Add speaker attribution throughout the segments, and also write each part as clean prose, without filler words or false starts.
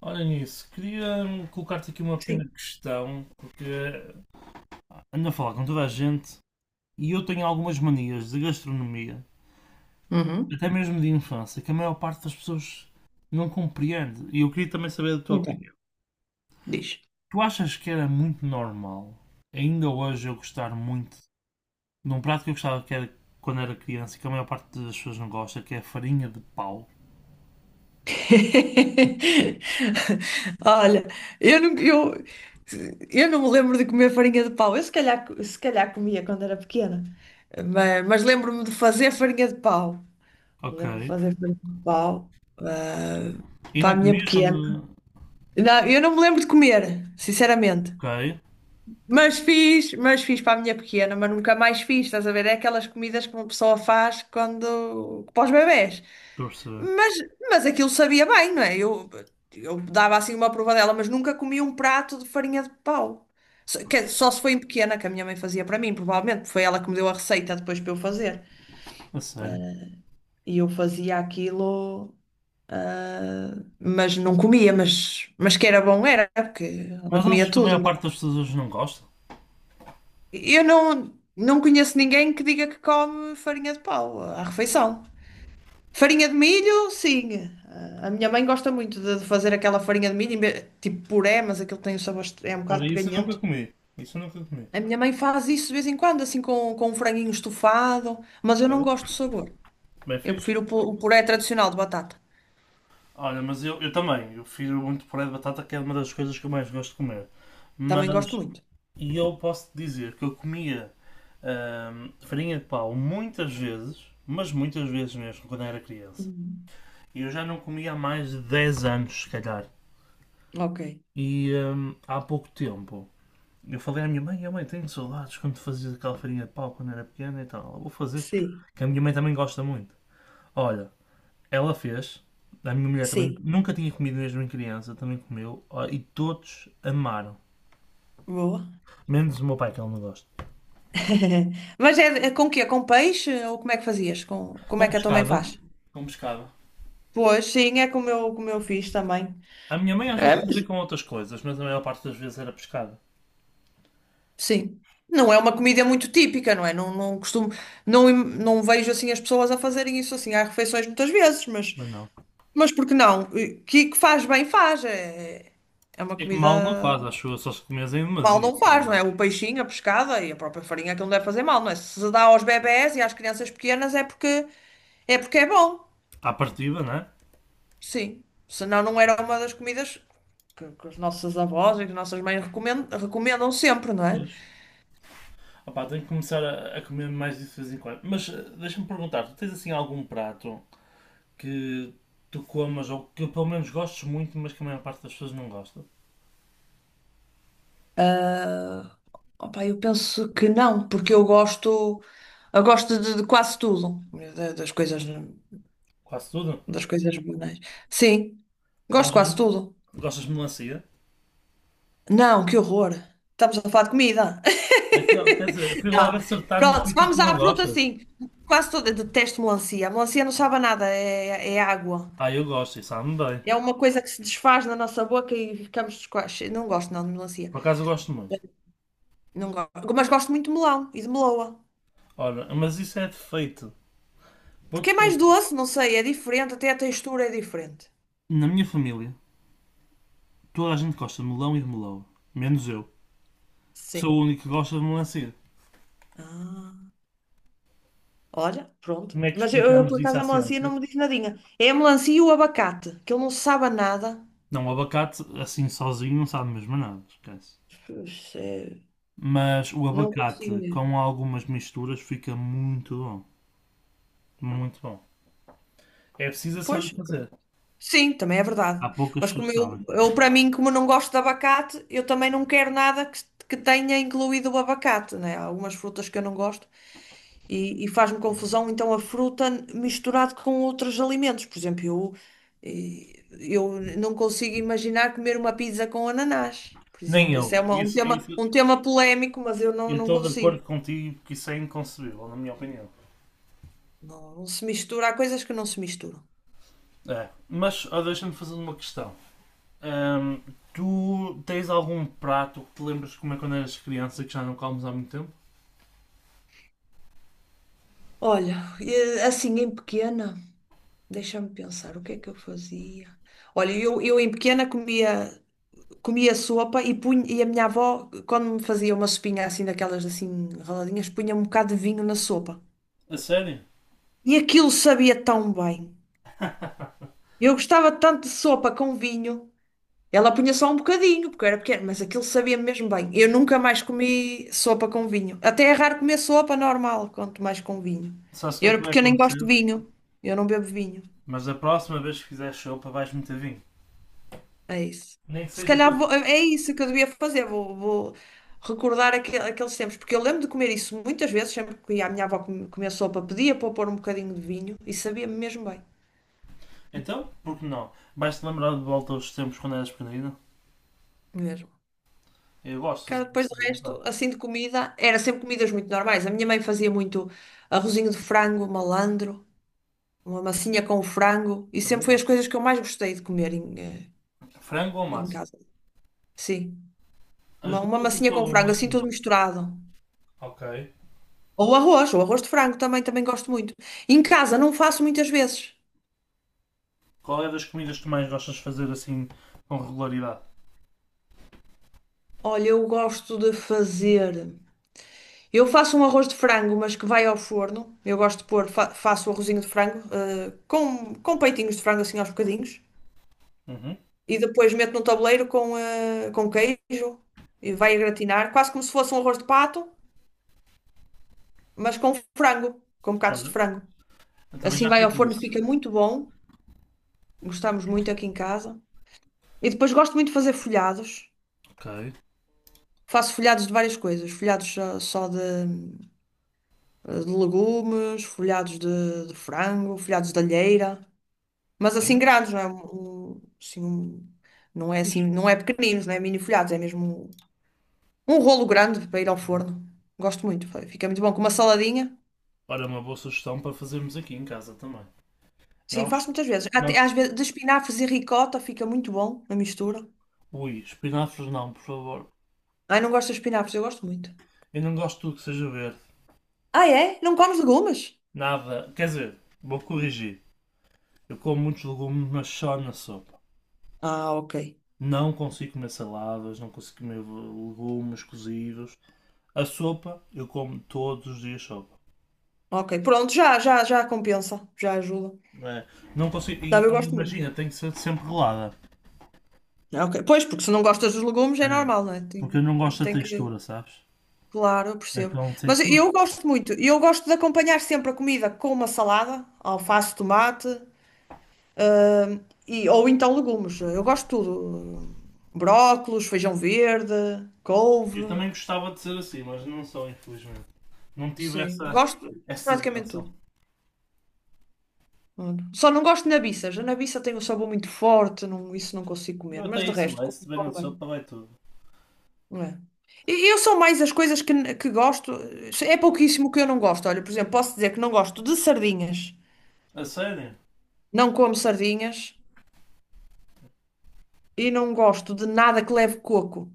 Speaker 1: Olha nisso, queria colocar-te aqui uma
Speaker 2: Sim.
Speaker 1: pequena questão, porque ando a falar com toda a gente e eu tenho algumas manias de gastronomia,
Speaker 2: Uhum.
Speaker 1: até mesmo de infância, que a maior parte das pessoas não compreende. E eu queria também saber da tua
Speaker 2: Então,
Speaker 1: opinião.
Speaker 2: diz.
Speaker 1: Tu achas que era muito normal, ainda hoje, eu gostar muito de um prato que eu gostava que era quando era criança e que a maior parte das pessoas não gosta, que é a farinha de pau?
Speaker 2: Olha, eu não, eu, eu não me lembro de comer farinha de pau. Eu se calhar comia quando era pequena, mas lembro-me de fazer farinha de pau.
Speaker 1: Ok.
Speaker 2: Lembro-me de fazer farinha de pau, ah,
Speaker 1: E
Speaker 2: para a
Speaker 1: não
Speaker 2: minha
Speaker 1: comias
Speaker 2: pequena.
Speaker 1: quando.
Speaker 2: Não, eu não me lembro de comer, sinceramente.
Speaker 1: Ok,
Speaker 2: Mas fiz para a minha pequena, mas nunca mais fiz. Estás a ver? É aquelas comidas que uma pessoa faz quando, para os bebés.
Speaker 1: estou a perceber.
Speaker 2: Mas, mas aquilo sabia bem, não é? Eu dava assim uma provadela, mas nunca comi um prato de farinha de pau. Só se foi em pequena, que a minha mãe fazia para mim, provavelmente, porque foi ela que me deu a receita depois para eu fazer.
Speaker 1: A sério.
Speaker 2: E eu fazia aquilo, mas não comia, mas que era bom era, porque ela
Speaker 1: Mas achas
Speaker 2: comia
Speaker 1: que a
Speaker 2: tudo.
Speaker 1: maior parte das pessoas hoje não gosta?
Speaker 2: Eu não conheço ninguém que diga que come farinha de pau à refeição. Farinha de milho, sim. Ah, a minha mãe gosta muito de fazer aquela farinha de milho, tipo puré, mas aquilo tem o sabor, é um
Speaker 1: Olha,
Speaker 2: bocado
Speaker 1: isso eu nunca
Speaker 2: peganhento.
Speaker 1: comi. Isso eu nunca comi.
Speaker 2: A minha mãe faz isso de vez em quando, assim com um franguinho estufado, mas eu não
Speaker 1: Bem,
Speaker 2: gosto do sabor.
Speaker 1: bem
Speaker 2: Eu
Speaker 1: fixe.
Speaker 2: prefiro o puré tradicional de batata.
Speaker 1: Olha, mas eu também. Eu prefiro muito puré de batata, que é uma das coisas que eu mais gosto de comer.
Speaker 2: Também gosto
Speaker 1: Mas,
Speaker 2: muito.
Speaker 1: e eu posso te dizer que eu comia farinha de pau muitas vezes, mas muitas vezes mesmo, quando era criança.
Speaker 2: Uhum.
Speaker 1: E eu já não comia há mais de 10 anos, se calhar.
Speaker 2: Ok.
Speaker 1: Há pouco tempo, eu falei à minha mãe, a mãe, tenho saudades quando fazias aquela farinha de pau quando era pequena e tal. Eu vou fazer,
Speaker 2: Sim,
Speaker 1: que a minha mãe também gosta muito. Olha, ela fez. A minha mulher também
Speaker 2: sim.
Speaker 1: nunca tinha comido mesmo em criança, também comeu. Ó, e todos amaram.
Speaker 2: Boa.
Speaker 1: Menos o meu pai, que ele não gosta.
Speaker 2: Mas é com quê? Com peixe? Ou como é que fazias? Como
Speaker 1: Com
Speaker 2: é que a tua mãe
Speaker 1: pescada.
Speaker 2: faz?
Speaker 1: Com pescada.
Speaker 2: Pois, sim, é como eu fiz também.
Speaker 1: A minha mãe às vezes fazia com outras coisas, mas a maior parte das vezes era pescada.
Speaker 2: Sim. Não é uma comida muito típica, não é? Não, não costumo, não, não vejo assim as pessoas a fazerem isso assim. Há refeições muitas vezes, mas,
Speaker 1: Mas não.
Speaker 2: mas por que não? Que faz bem, faz. É uma
Speaker 1: E mal não
Speaker 2: comida
Speaker 1: faz, acho eu, só se comes em
Speaker 2: mal
Speaker 1: demasia.
Speaker 2: não
Speaker 1: Mas
Speaker 2: faz, não
Speaker 1: não.
Speaker 2: é? O peixinho, a pescada e a própria farinha que não deve fazer mal, não é? Se se dá aos bebés e às crianças pequenas é porque é bom.
Speaker 1: À partida, não é?
Speaker 2: Sim. Senão não era uma das comidas que os nossos avós e que as nossas mães recomendam sempre, não é?
Speaker 1: Pois. Opá, tenho que começar a comer mais disso de vez em quando. Mas deixa-me perguntar, tu tens assim algum prato que tu comas ou que pelo menos gostes muito, mas que a maior parte das pessoas não gosta?
Speaker 2: Opa, eu penso que não, porque eu gosto de quase tudo, da- das coisas,
Speaker 1: Quase tudo?
Speaker 2: das coisas banais. Sim, gosto de
Speaker 1: Gostas,
Speaker 2: quase tudo.
Speaker 1: gostas de melancia?
Speaker 2: Não, que horror. Estamos a falar de comida.
Speaker 1: Então, quer dizer, fui logo
Speaker 2: Não.
Speaker 1: acertar num
Speaker 2: Pronto,
Speaker 1: sítio que
Speaker 2: vamos
Speaker 1: tu não
Speaker 2: à fruta,
Speaker 1: gostas.
Speaker 2: sim. Quase toda, eu detesto melancia. A melancia não sabe a nada, é água.
Speaker 1: Ah, eu gosto, e sabe-me bem.
Speaker 2: É uma coisa que se desfaz na nossa boca e ficamos descoaches. Não gosto não de melancia.
Speaker 1: Por acaso eu gosto muito.
Speaker 2: Não gosto. Mas gosto muito de melão e de meloa.
Speaker 1: Ora, mas isso é defeito.
Speaker 2: Porque
Speaker 1: Vou-te
Speaker 2: é mais
Speaker 1: explicar.
Speaker 2: doce, não sei, é diferente, até a textura é diferente.
Speaker 1: Na minha família, toda a gente gosta de melão e de melão. Menos eu, que sou
Speaker 2: Sim.
Speaker 1: o único que gosta de melancia.
Speaker 2: Ah, olha, pronto.
Speaker 1: Como é que
Speaker 2: Mas
Speaker 1: explicamos
Speaker 2: por
Speaker 1: isso
Speaker 2: acaso,
Speaker 1: à
Speaker 2: a melancia
Speaker 1: ciência?
Speaker 2: não me diz nadinha. É a melancia e o abacate, que ele não sabe a nada.
Speaker 1: Não, o abacate assim sozinho não sabe mesmo a nada, esquece.
Speaker 2: Pois, é,
Speaker 1: Mas o
Speaker 2: não consigo
Speaker 1: abacate
Speaker 2: ver.
Speaker 1: com algumas misturas fica muito bom. Muito bom. É preciso
Speaker 2: Pois,
Speaker 1: saber fazer.
Speaker 2: sim, também é verdade.
Speaker 1: Há poucas
Speaker 2: Mas
Speaker 1: pessoas
Speaker 2: como
Speaker 1: que
Speaker 2: eu,
Speaker 1: sabem.
Speaker 2: eu para mim, como não gosto de abacate, eu também não quero nada que tenha incluído o abacate, né? Há algumas frutas que eu não gosto. E faz-me confusão então a fruta misturado com outros alimentos. Por exemplo, eu não consigo imaginar comer uma pizza com ananás. Por
Speaker 1: Nem
Speaker 2: exemplo, esse
Speaker 1: eu.
Speaker 2: é uma- um
Speaker 1: Isso,
Speaker 2: tema,
Speaker 1: isso,
Speaker 2: um tema polémico, mas eu não,
Speaker 1: eu
Speaker 2: não
Speaker 1: estou de
Speaker 2: consigo.
Speaker 1: acordo contigo porque isso é inconcebível, na minha opinião.
Speaker 2: Não, não se mistura, há coisas que não se misturam.
Speaker 1: É. Mas ó, deixa-me fazer uma questão. Ahm, Tu tens algum prato que te lembras de comer quando eras criança e que já não comes há muito tempo?
Speaker 2: Olha, assim em pequena, deixa-me pensar, o que é que eu fazia? Olha, eu em pequena comia sopa e, punha, e a minha avó, quando me fazia uma sopinha assim, daquelas assim raladinhas, punha um bocado de vinho na sopa.
Speaker 1: A sério?
Speaker 2: E aquilo sabia tão bem. Eu gostava tanto de sopa com vinho. Ela punha só um bocadinho, porque eu era pequeno mas aquilo sabia mesmo bem. Eu nunca mais comi sopa com vinho. Até é raro comer sopa normal, quanto mais com vinho.
Speaker 1: Sabes o que é que vai
Speaker 2: Porque eu nem gosto de
Speaker 1: acontecer?
Speaker 2: vinho. Eu não bebo vinho.
Speaker 1: Mas da próxima vez que fizeres sopa vais meter vinho.
Speaker 2: É isso.
Speaker 1: Nem que
Speaker 2: Se
Speaker 1: seja
Speaker 2: calhar
Speaker 1: para...
Speaker 2: vou, é isso que eu devia fazer. Vou recordar aqueles tempos. Porque eu lembro de comer isso muitas vezes. Sempre que ia à minha avó comer sopa, pedia para eu pôr um bocadinho de vinho. E sabia mesmo bem.
Speaker 1: Então, por que não? Vais-te lembrar de volta aos tempos quando eras pequenino?
Speaker 2: Mesmo.
Speaker 1: Eu gosto de
Speaker 2: Cara,
Speaker 1: fazer
Speaker 2: depois
Speaker 1: isso
Speaker 2: do
Speaker 1: de vez em
Speaker 2: resto,
Speaker 1: quando.
Speaker 2: assim de comida, era sempre comidas muito normais. A minha mãe fazia muito arrozinho de frango, malandro, uma massinha com frango, e sempre
Speaker 1: Também
Speaker 2: foi as
Speaker 1: gosto.
Speaker 2: coisas que eu mais gostei de comer em, eh,
Speaker 1: Frango ou
Speaker 2: em
Speaker 1: massa?
Speaker 2: casa. Sim,
Speaker 1: As
Speaker 2: uma
Speaker 1: duas ou
Speaker 2: massinha
Speaker 1: só
Speaker 2: com
Speaker 1: uma?
Speaker 2: frango, assim tudo misturado.
Speaker 1: Ok.
Speaker 2: Ou arroz de frango também, também gosto muito. Em casa, não faço muitas vezes.
Speaker 1: Qual é das comidas que tu mais gostas de fazer assim com regularidade?
Speaker 2: Olha, eu gosto de fazer. Eu faço um arroz de frango, mas que vai ao forno. Eu gosto de pôr, faço o arrozinho de frango, com peitinhos de frango assim aos bocadinhos,
Speaker 1: Uhum.
Speaker 2: e depois mete num tabuleiro com queijo e vai a gratinar, quase como se fosse um arroz de pato, mas com frango, com bocados de
Speaker 1: Olha,
Speaker 2: frango.
Speaker 1: eu também
Speaker 2: Assim
Speaker 1: já
Speaker 2: vai
Speaker 1: fiz
Speaker 2: ao forno,
Speaker 1: isso.
Speaker 2: fica muito bom. Gostamos muito aqui em casa. E depois gosto muito de fazer folhados.
Speaker 1: Ok.
Speaker 2: Faço folhados de várias coisas, folhados só de legumes, folhados de frango, folhados de alheira, mas assim
Speaker 1: Olha,
Speaker 2: grandes, não é? Um- assim, um- não é assim,
Speaker 1: fixe.
Speaker 2: não é pequeninos, não é mini folhados, é mesmo um rolo grande para ir ao
Speaker 1: Uhum.
Speaker 2: forno. Gosto muito, fica muito bom. Com uma saladinha.
Speaker 1: Ora, uma boa sugestão para fazermos aqui em casa também.
Speaker 2: Sim, faço
Speaker 1: Nós,
Speaker 2: muitas vezes. Até, às
Speaker 1: nós,
Speaker 2: vezes, de espinafres e ricota fica muito bom a mistura.
Speaker 1: ui, espinafres não, por favor.
Speaker 2: Ai, não gosto de espinafres, eu gosto muito.
Speaker 1: Eu não gosto de tudo que seja verde.
Speaker 2: Ah, é? Não comes legumes?
Speaker 1: Nada, quer dizer, vou corrigir. Eu como muitos legumes, mas só na sopa.
Speaker 2: Ah, ok.
Speaker 1: Não consigo comer saladas, não consigo comer legumes cozidos. A sopa, eu como todos os dias sopa.
Speaker 2: Ok, pronto, já, já, já compensa, já ajuda.
Speaker 1: É, não consigo.
Speaker 2: Não,
Speaker 1: E,
Speaker 2: eu
Speaker 1: e
Speaker 2: gosto muito.
Speaker 1: imagina, tem que ser sempre rolada.
Speaker 2: Ah, ok, pois, porque se não gostas dos legumes é
Speaker 1: É,
Speaker 2: normal, não é?
Speaker 1: porque eu
Speaker 2: Tem,
Speaker 1: não gosto da
Speaker 2: tem que.
Speaker 1: textura, sabes?
Speaker 2: Claro, eu percebo.
Speaker 1: Então sei
Speaker 2: Mas eu
Speaker 1: tudo.
Speaker 2: gosto muito. Eu gosto de acompanhar sempre a comida com uma salada, alface, tomate. Ah, e, ou então legumes. Eu gosto de tudo. Brócolos, feijão verde,
Speaker 1: Eu
Speaker 2: couve.
Speaker 1: também gostava de ser assim, mas não sou, infelizmente. Não tive
Speaker 2: Sim,
Speaker 1: essa,
Speaker 2: gosto de
Speaker 1: essa
Speaker 2: praticamente tudo.
Speaker 1: benção.
Speaker 2: Olha, só não gosto de nabiças. A nabiça tem um sabor muito forte, não- isso não consigo
Speaker 1: Eu
Speaker 2: comer, mas
Speaker 1: até
Speaker 2: de
Speaker 1: isso
Speaker 2: resto,
Speaker 1: vai,
Speaker 2: como
Speaker 1: se tiver na
Speaker 2: como
Speaker 1: sopa
Speaker 2: bem.
Speaker 1: vai tudo.
Speaker 2: Não é? E eu sou mais as coisas que gosto, é pouquíssimo que eu não gosto. Olha, por exemplo, posso dizer que não gosto de sardinhas,
Speaker 1: A sério?
Speaker 2: não como sardinhas e não gosto de nada que leve coco.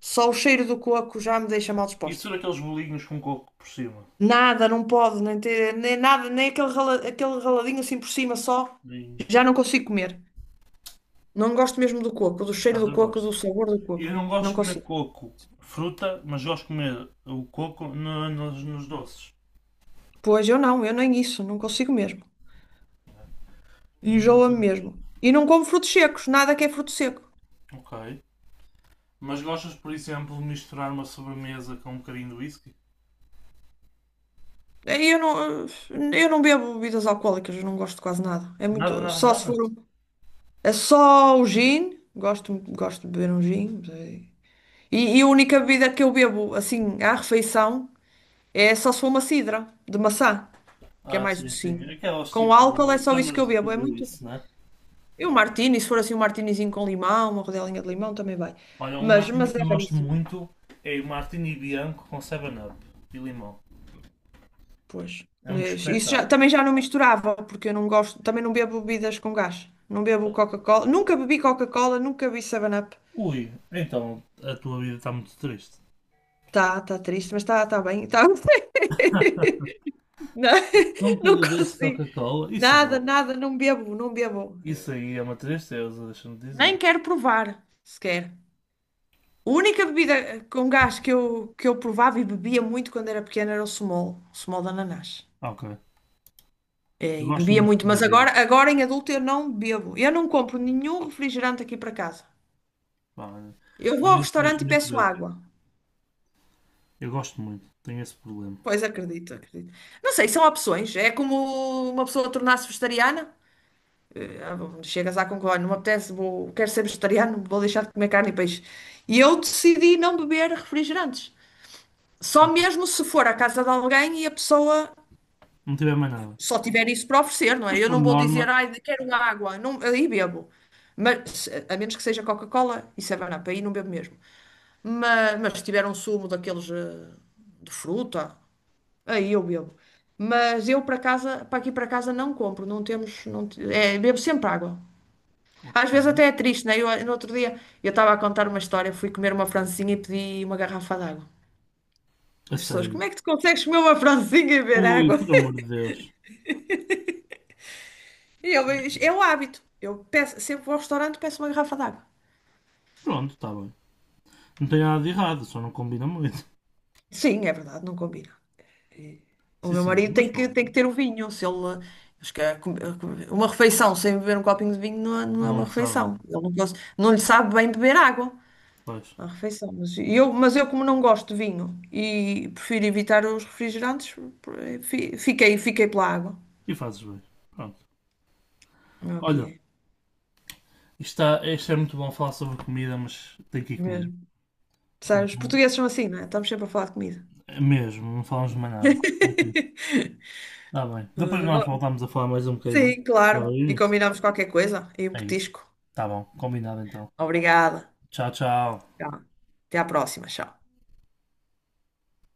Speaker 2: Só o cheiro do coco já me deixa mal disposta.
Speaker 1: Isso era aqueles bolinhos com coco por cima.
Speaker 2: Nada, não pode, nem, ter, nem nada, nem aquele, aquele raladinho assim por cima só.
Speaker 1: E,
Speaker 2: Já não consigo comer. Não gosto mesmo do coco, do
Speaker 1: por
Speaker 2: cheiro
Speaker 1: acaso
Speaker 2: do
Speaker 1: eu
Speaker 2: coco, do
Speaker 1: gosto.
Speaker 2: sabor do
Speaker 1: Eu
Speaker 2: coco.
Speaker 1: não
Speaker 2: Não
Speaker 1: gosto de comer
Speaker 2: consigo.
Speaker 1: coco, fruta, mas gosto de comer o coco nos doces.
Speaker 2: Pois eu não, eu nem isso, não consigo mesmo.
Speaker 1: E,
Speaker 2: Enjoa-me mesmo. E não como frutos secos, nada que é fruto seco.
Speaker 1: ok. Mas gostas, por exemplo, de misturar uma sobremesa com um bocadinho de whisky?
Speaker 2: Eh, Eu não, eu não bebo bebidas alcoólicas, eu não gosto de quase nada. É
Speaker 1: Nada,
Speaker 2: muito,
Speaker 1: nada,
Speaker 2: só se for,
Speaker 1: nada.
Speaker 2: é só o gin, gosto de beber um gin, E, e a única bebida que eu bebo assim à refeição. É só se for uma sidra de maçã, que é
Speaker 1: Ah,
Speaker 2: mais
Speaker 1: sim, sim.
Speaker 2: docinho.
Speaker 1: Aquelas
Speaker 2: Com
Speaker 1: tipo
Speaker 2: álcool é
Speaker 1: de
Speaker 2: só isso que eu bebo, é
Speaker 1: Summersville ou
Speaker 2: muito.
Speaker 1: isso, né?
Speaker 2: E um martini, se for assim um martinizinho com limão, uma rodelinha de limão também vai.
Speaker 1: Olha, um
Speaker 2: Mas,
Speaker 1: martini
Speaker 2: mas
Speaker 1: que
Speaker 2: é
Speaker 1: eu gosto
Speaker 2: raríssimo.
Speaker 1: muito é o martini bianco com 7-Up e limão.
Speaker 2: Pois.
Speaker 1: É um
Speaker 2: Mas isso,
Speaker 1: espetáculo.
Speaker 2: também já não misturava, porque eu não gosto, também não bebo bebidas com gás. Não bebo Coca-Cola, nunca bebi 7-Up.
Speaker 1: Ui, então a tua vida está muito triste.
Speaker 2: Tá triste, mas tá bem. Tá. Não,
Speaker 1: Nunca
Speaker 2: não
Speaker 1: bebeste
Speaker 2: consigo.
Speaker 1: Coca-Cola? Isso,
Speaker 2: Nada, nada, não bebo, não bebo.
Speaker 1: isso aí é uma tristeza, deixa-me
Speaker 2: Nem
Speaker 1: dizer.
Speaker 2: quero provar, sequer. A única bebida com gás que eu provava e bebia muito quando era pequena era o Smol de ananás.
Speaker 1: Ok.
Speaker 2: É,
Speaker 1: Eu
Speaker 2: e
Speaker 1: gosto
Speaker 2: bebia
Speaker 1: muito de
Speaker 2: muito, mas
Speaker 1: bebidas.
Speaker 2: agora, agora em adulto eu não bebo. Eu não compro nenhum refrigerante aqui para casa.
Speaker 1: Pá,
Speaker 2: Eu vou
Speaker 1: eu
Speaker 2: ao restaurante e
Speaker 1: infelizmente
Speaker 2: peço
Speaker 1: bebo.
Speaker 2: água.
Speaker 1: Eu gosto muito. Tenho esse problema.
Speaker 2: Pois acredito, acredito. Não sei, são opções. É como uma pessoa tornar-se vegetariana. Ah, chegas à conclusão, não me apetece, quero ser vegetariano, vou deixar de comer carne e peixe. E eu decidi não beber refrigerantes. Só mesmo se for à casa de alguém e a pessoa
Speaker 1: Não tiver mais nada.
Speaker 2: só tiver isso para oferecer, não é?
Speaker 1: Mas
Speaker 2: Eu
Speaker 1: por
Speaker 2: não vou
Speaker 1: norma.
Speaker 2: dizer, ai, quero água, não, aí bebo. Mas, a menos que seja Coca-Cola e 7-Up, aí não bebo mesmo. Mas se tiver um sumo daqueles de fruta, aí eu bebo. Mas eu para casa, para aqui para casa não compro, não temos, não, te- é, bebo sempre água.
Speaker 1: Ok.
Speaker 2: Às vezes até é triste, né? No outro dia, eu estava a contar uma história, fui comer uma francesinha e pedi uma garrafa de água.
Speaker 1: A
Speaker 2: As pessoas,
Speaker 1: sério.
Speaker 2: como é que tu consegues comer uma francesinha e beber
Speaker 1: Ui,
Speaker 2: água?
Speaker 1: por amor de Deus.
Speaker 2: E ele, é o hábito. Eu peço, sempre vou ao restaurante e peço uma garrafa d'água.
Speaker 1: Pronto, está bem. Não tem nada de errado, só não combina muito.
Speaker 2: Sim, é verdade, não combina. O
Speaker 1: Sim,
Speaker 2: meu
Speaker 1: sim,
Speaker 2: marido
Speaker 1: mas
Speaker 2: tem que,
Speaker 1: pronto.
Speaker 2: tem que ter o vinho. Se ele, acho que uma refeição sem beber um copinho de vinho não é, não é uma
Speaker 1: Não se sabe,
Speaker 2: refeição.
Speaker 1: mano.
Speaker 2: Ele não, não lhe sabe bem beber água.
Speaker 1: Faz.
Speaker 2: Uma refeição. Mas eu, como não gosto de vinho e prefiro evitar os refrigerantes, fiquei pela água.
Speaker 1: E fazes bem. Pronto.
Speaker 2: É o que
Speaker 1: Olha,
Speaker 2: é,
Speaker 1: isto é muito bom falar sobre comida, mas tenho que ir comer.
Speaker 2: mesmo. Sabe, os
Speaker 1: Senão-
Speaker 2: portugueses são assim, não é? Estamos sempre a falar de comida.
Speaker 1: é mesmo, não falamos de mais nada. Ok. Está bem. Depois nós
Speaker 2: Olha,
Speaker 1: voltamos a falar mais um bocadinho.
Speaker 2: sim,
Speaker 1: Dá
Speaker 2: claro.
Speaker 1: aí
Speaker 2: E
Speaker 1: nisso.
Speaker 2: combinamos qualquer coisa e um
Speaker 1: É isso.
Speaker 2: petisco.
Speaker 1: Está bom, combinado então.
Speaker 2: Obrigada.
Speaker 1: Tchau, tchau.
Speaker 2: Tchau. Até à próxima. Tchau.